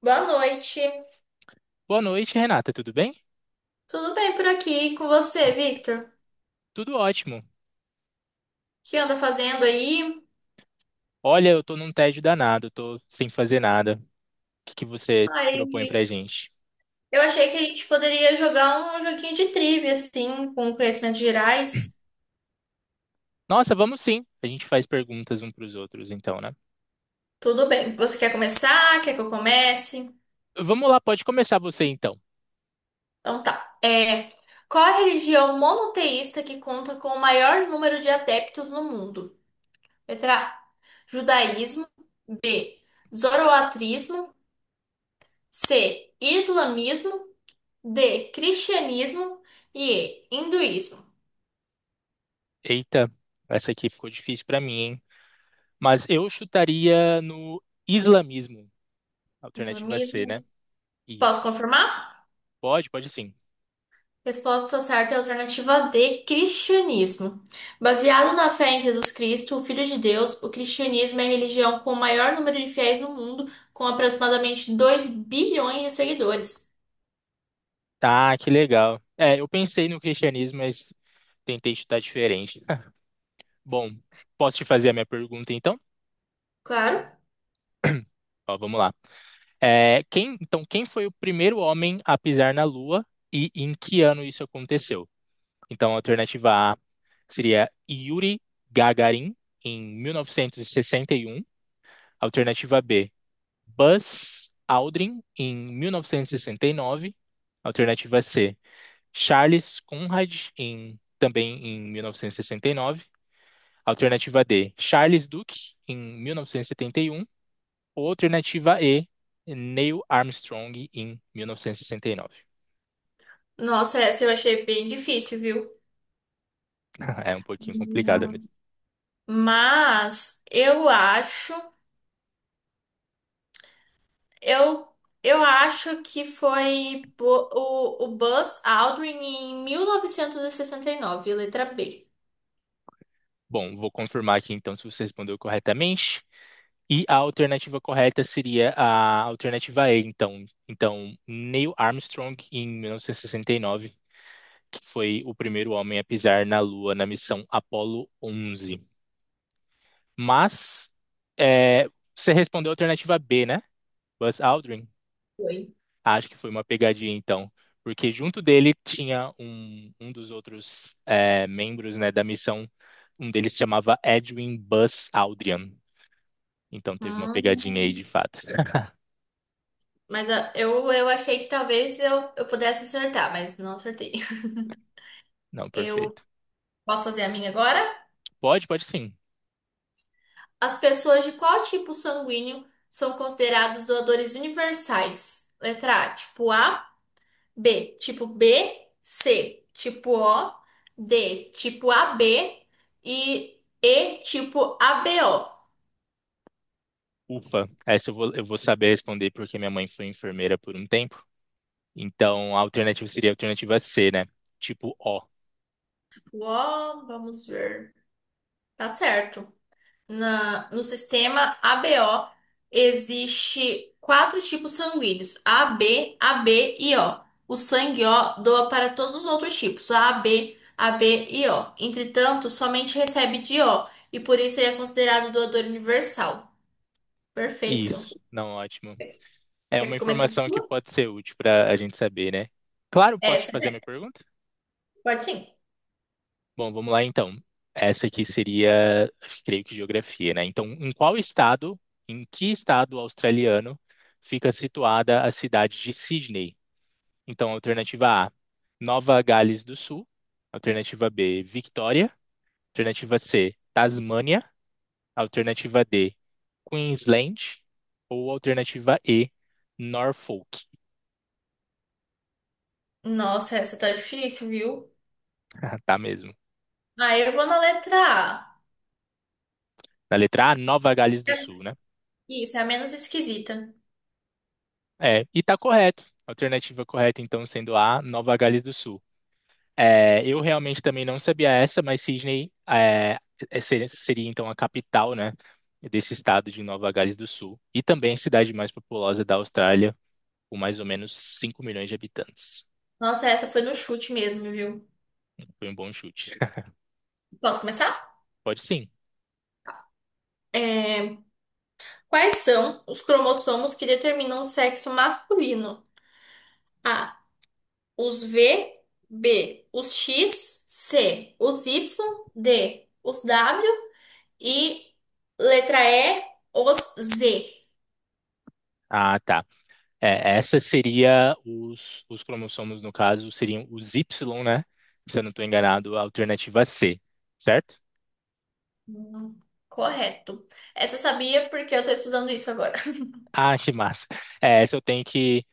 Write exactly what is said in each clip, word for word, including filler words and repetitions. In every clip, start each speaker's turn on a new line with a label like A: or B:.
A: Boa noite.
B: Boa noite, Renata, tudo bem?
A: Tudo bem por aqui com você, Victor? O
B: Tudo ótimo.
A: que anda fazendo aí?
B: Olha, eu tô num tédio danado, tô sem fazer nada. O que que você propõe
A: Aí,
B: pra gente?
A: eu achei que a gente poderia jogar um joguinho de trivia, assim, com conhecimentos gerais.
B: Nossa, vamos sim. A gente faz perguntas um pros outros, então, né?
A: Tudo bem. Você quer começar? Quer que eu comece?
B: Vamos lá, pode começar você então.
A: Então tá. É, qual a religião monoteísta que conta com o maior número de adeptos no mundo? Letra A, judaísmo. B, zoroatrismo. C, islamismo. D, cristianismo. E. E, hinduísmo.
B: Eita, essa aqui ficou difícil pra mim, hein? Mas eu chutaria no islamismo, alternativa é
A: Islamismo.
B: C, né?
A: Posso
B: Isso.
A: confirmar?
B: Pode, pode sim.
A: Resposta certa é a alternativa D, cristianismo. Baseado na fé em Jesus Cristo, o Filho de Deus, o cristianismo é a religião com o maior número de fiéis no mundo, com aproximadamente dois bilhões de seguidores.
B: Tá, que legal. É, eu pensei no cristianismo, mas tentei chutar diferente. Bom, posso te fazer a minha pergunta então?
A: Claro.
B: Ó, vamos lá. É, quem, então, quem foi o primeiro homem a pisar na Lua e em que ano isso aconteceu? Então, a alternativa A seria Yuri Gagarin, em mil novecentos e sessenta e um. Alternativa B, Buzz Aldrin, em mil novecentos e sessenta e nove. Alternativa C, Charles Conrad, em, também em mil novecentos e sessenta e nove. Alternativa D, Charles Duke, em mil novecentos e setenta e um. Alternativa E, Neil Armstrong em mil novecentos e sessenta e nove.
A: Nossa, essa eu achei bem difícil, viu?
B: É um pouquinho complicada
A: Hum.
B: mesmo.
A: Mas eu acho. Eu, eu acho que foi bo- o, o Buzz Aldrin em mil novecentos e e sessenta e nove, letra B.
B: Bom, vou confirmar aqui então se você respondeu corretamente. E a alternativa correta seria a alternativa E, então. Então, Neil Armstrong em mil novecentos e sessenta e nove, que foi o primeiro homem a pisar na Lua na missão Apollo onze. Mas é, você respondeu a alternativa B, né? Buzz Aldrin.
A: Foi.
B: Acho que foi uma pegadinha, então. Porque junto dele tinha um, um dos outros é, membros, né, da missão. Um deles se chamava Edwin Buzz Aldrin. Então teve uma pegadinha aí,
A: Hum,
B: de fato.
A: mas a- eu, eu achei que talvez eu, eu pudesse acertar, mas não acertei.
B: Não,
A: Eu
B: perfeito.
A: posso fazer a minha agora?
B: Pode, pode sim.
A: As pessoas de qual tipo sanguíneo são consideradas doadores universais? Letra A, tipo A. B, tipo B. C, tipo O. D, tipo A B. e E, tipo A B O.
B: Ufa. Essa eu vou, eu vou saber responder porque minha mãe foi enfermeira por um tempo. Então a alternativa seria a alternativa C, né? Tipo O.
A: O, O, vamos ver. Tá certo. Na, no sistema A B O existe quatro tipos sanguíneos: A B, A B e O. O sangue O doa para todos os outros tipos, A B, A B e O. Entretanto, somente recebe de O e por isso ele é considerado doador universal. Perfeito.
B: Isso. Não, ótimo. É uma
A: Quer começar a
B: informação que
A: sua?
B: pode ser útil para a gente saber, né? Claro, posso te
A: Essa
B: fazer a
A: é.
B: minha pergunta?
A: Pode sim.
B: Bom, vamos lá então. Essa aqui seria, acho que creio que geografia, né? Então, em qual estado, em que estado australiano fica situada a cidade de Sydney? Então, alternativa A, Nova Gales do Sul. Alternativa B, Victoria. Alternativa C, Tasmânia. Alternativa D, Queensland. Ou alternativa E, Norfolk.
A: Nossa, essa tá difícil, viu?
B: Tá mesmo.
A: Aí eu vou na letra A.
B: Na letra A, Nova Gales do
A: É-
B: Sul, né?
A: Isso, é a menos esquisita.
B: É, e tá correto. Alternativa correta, então, sendo A, Nova Gales do Sul. É, eu realmente também não sabia essa, mas Sydney é, é, seria, seria, então a capital, né, desse estado de Nova Gales do Sul e também a cidade mais populosa da Austrália, com mais ou menos cinco milhões de habitantes.
A: Nossa, essa foi no chute mesmo, viu?
B: Foi um bom chute.
A: Posso começar?
B: Pode sim.
A: É, Quais são os cromossomos que determinam o sexo masculino? A, os V. B, os X. C, os Y. D, os W. E letra E, os Z.
B: Ah, tá. É, essa seria os, os cromossomos, no caso, seriam os Y, né? Se eu não estou enganado, a alternativa C, certo?
A: Hum, correto. Essa eu sabia porque eu tô estudando isso agora.
B: Ah, que massa. É, essa eu tenho que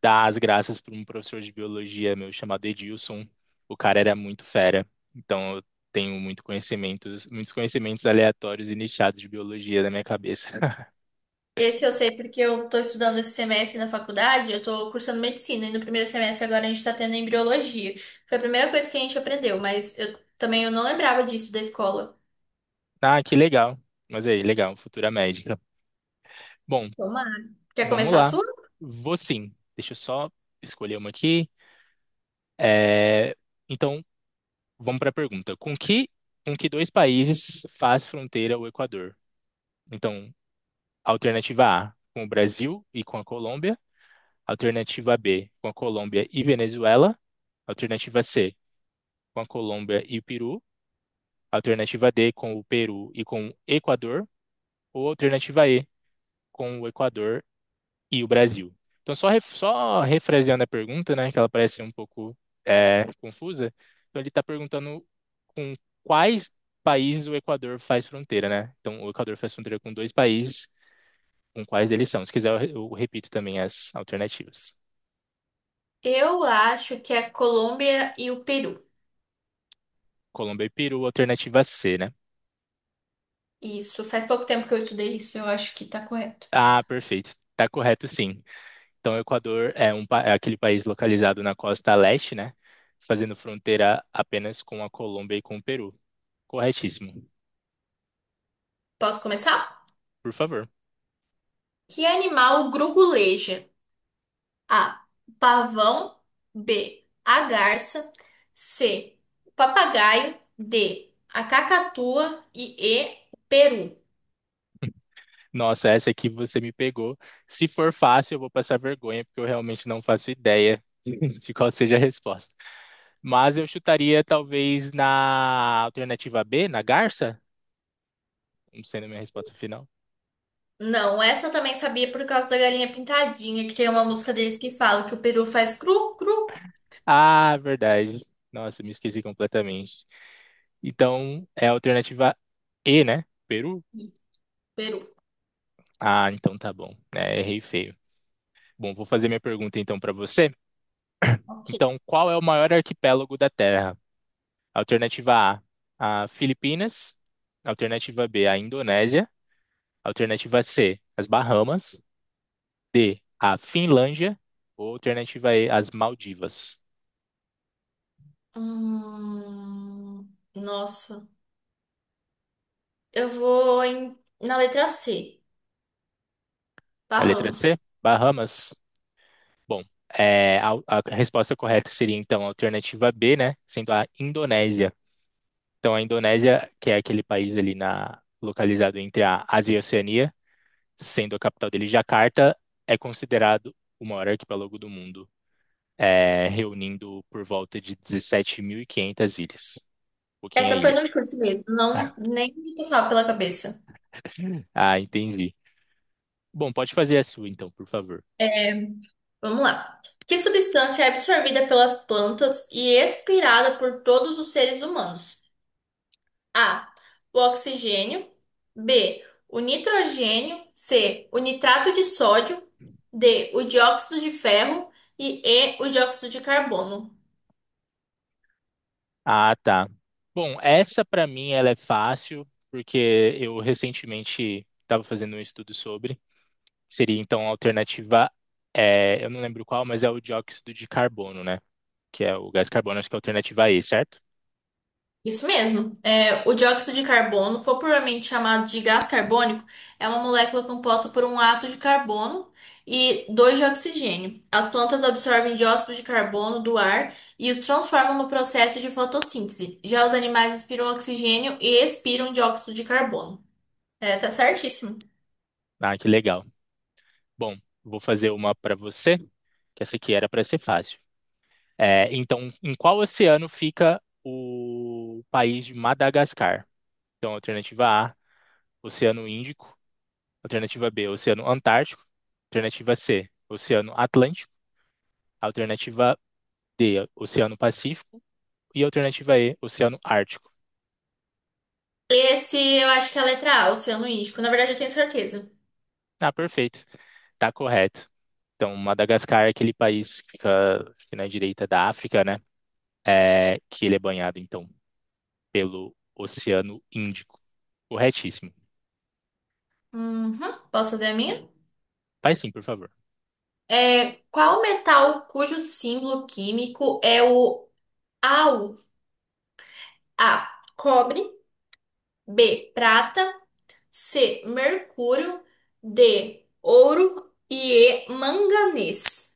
B: dar as graças para um professor de biologia meu chamado Edilson. O cara era muito fera. Então eu tenho muito conhecimentos, muitos conhecimentos aleatórios e nichados de biologia na minha cabeça.
A: Esse eu sei porque eu tô estudando esse semestre na faculdade, eu tô cursando medicina e no primeiro semestre agora a gente tá tendo embriologia. Foi a primeira coisa que a gente aprendeu, mas eu também eu não lembrava disso da escola.
B: Ah, que legal. Mas aí, legal, futura médica. Bom,
A: Tomara. Quer
B: vamos
A: começar a
B: lá.
A: sua?
B: Vou sim. Deixa eu só escolher uma aqui. É, Então, vamos para a pergunta. Com que, com que dois países faz fronteira o Equador? Então, alternativa A, com o Brasil e com a Colômbia. Alternativa B, com a Colômbia e Venezuela. Alternativa C, com a Colômbia e o Peru. Alternativa D, com o Peru e com o Equador. Ou alternativa E, com o Equador e o Brasil. Então, só, ref, só refraseando a pergunta, né, que ela parece um pouco é, confusa. Então, ele está perguntando com quais países o Equador faz fronteira, né? Então, o Equador faz fronteira com dois países, com quais eles são. Se quiser, eu, eu repito também as alternativas.
A: Eu acho que é a Colômbia e o Peru.
B: Colômbia e Peru, alternativa C, né?
A: Isso, faz pouco tempo que eu estudei isso, eu acho que tá correto.
B: Ah, perfeito. Tá correto, sim. Então, o Equador é, um, pa- é aquele país localizado na costa leste, né? Fazendo fronteira apenas com a Colômbia e com o Peru. Corretíssimo.
A: Posso começar?
B: Por favor.
A: Que animal gruguleja? A, pavão. B, a garça. C, o papagaio. D, a cacatua. E E. o peru.
B: Nossa, essa aqui você me pegou. Se for fácil, eu vou passar vergonha, porque eu realmente não faço ideia de qual seja a resposta. Mas eu chutaria talvez na alternativa B, na Garça, como sendo a minha resposta final.
A: Não, essa eu também sabia por causa da galinha pintadinha, que tem uma música deles que fala que o peru faz cru, cru.
B: Ah, verdade. Nossa, me esqueci completamente. Então, é a alternativa E, né? Peru?
A: Isso, peru.
B: Ah, então tá bom. É, errei feio. Bom, vou fazer minha pergunta então para você.
A: Ok.
B: Então, qual é o maior arquipélago da Terra? Alternativa A, a Filipinas. Alternativa B, a Indonésia. Alternativa C, as Bahamas. D, a Finlândia. Ou alternativa E, as Maldivas.
A: Hum, nossa. Eu vou em, na letra C.
B: A letra
A: Barramos.
B: C, Bahamas. Bom, é, a, a resposta correta seria então a alternativa B, né? Sendo a Indonésia. Então, a Indonésia, que é aquele país ali na, localizado entre a Ásia e a Oceania, sendo a capital dele Jakarta, é considerado o maior arquipélago do mundo, é, reunindo por volta de dezessete mil e quinhentas ilhas. Pouquinha
A: Essa foi
B: ilha.
A: no chute mesmo. Não, nem me passava pela cabeça.
B: Ah, entendi. Bom, pode fazer a sua então, por favor.
A: Vamos lá. Que substância é absorvida pelas plantas e expirada por todos os seres humanos? A, o oxigênio. B, o nitrogênio. C, o nitrato de sódio. D, o dióxido de ferro. E E. o dióxido de carbono.
B: Ah, tá. Bom, essa para mim ela é fácil, porque eu recentemente estava fazendo um estudo sobre, que seria então a alternativa, é, eu não lembro qual, mas é o dióxido de carbono, né? Que é o gás carbono, acho que é a alternativa E, certo?
A: Isso mesmo. É, o dióxido de carbono, popularmente chamado de gás carbônico, é uma molécula composta por um átomo de carbono e dois de oxigênio. As plantas absorvem dióxido de carbono do ar e os transformam no processo de fotossíntese. Já os animais inspiram oxigênio e expiram dióxido de carbono. É, tá certíssimo.
B: Ah, que legal. Bom, vou fazer uma para você, que essa aqui era para ser fácil. É, então, em qual oceano fica o país de Madagascar? Então, alternativa A, Oceano Índico. Alternativa B, Oceano Antártico. Alternativa C, Oceano Atlântico. Alternativa D, Oceano Pacífico. E a alternativa E, Oceano Ártico.
A: Esse eu acho que é a letra A, Oceano Índico. Na verdade, eu tenho certeza.
B: Ah, perfeito. Tá correto. Então, Madagascar é aquele país que fica, fica na direita da África, né? É, que ele é banhado, então, pelo Oceano Índico. Corretíssimo.
A: Uhum. Posso ver a minha?
B: Faz sim, por favor.
A: É, qual metal cujo símbolo químico é o A U? A, cobre. B, prata. C, mercúrio. D, ouro. E E. manganês.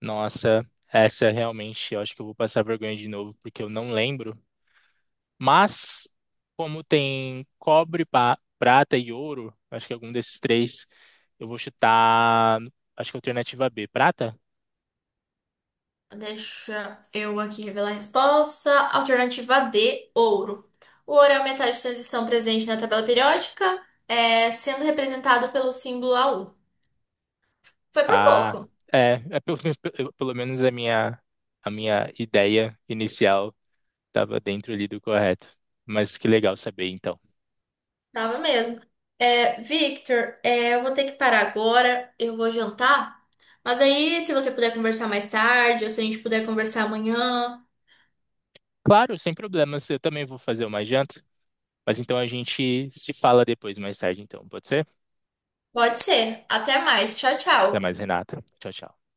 B: Nossa, essa realmente, eu acho que eu vou passar vergonha de novo, porque eu não lembro. Mas, como tem cobre, pa- prata e ouro, acho que algum desses três, eu vou chutar, acho que é a alternativa B, prata?
A: Deixa eu aqui revelar a resposta. Alternativa D, ouro. O ouro é o metal de transição presente na tabela periódica, é, sendo representado pelo símbolo A U. Foi por
B: Ah,
A: pouco,
B: é, é pelo, pelo menos a minha, a minha ideia inicial estava dentro ali do correto. Mas que legal saber, então.
A: tava mesmo. É, Victor, é, eu vou ter que parar agora, eu vou jantar. Mas aí, se você puder conversar mais tarde, ou se a gente puder conversar amanhã,
B: Claro, sem problemas, eu também vou fazer uma janta. Mas então a gente se fala depois, mais tarde, então, pode ser?
A: pode ser. Até mais. Tchau,
B: Até mais,
A: tchau.
B: Renata. Tchau, tchau.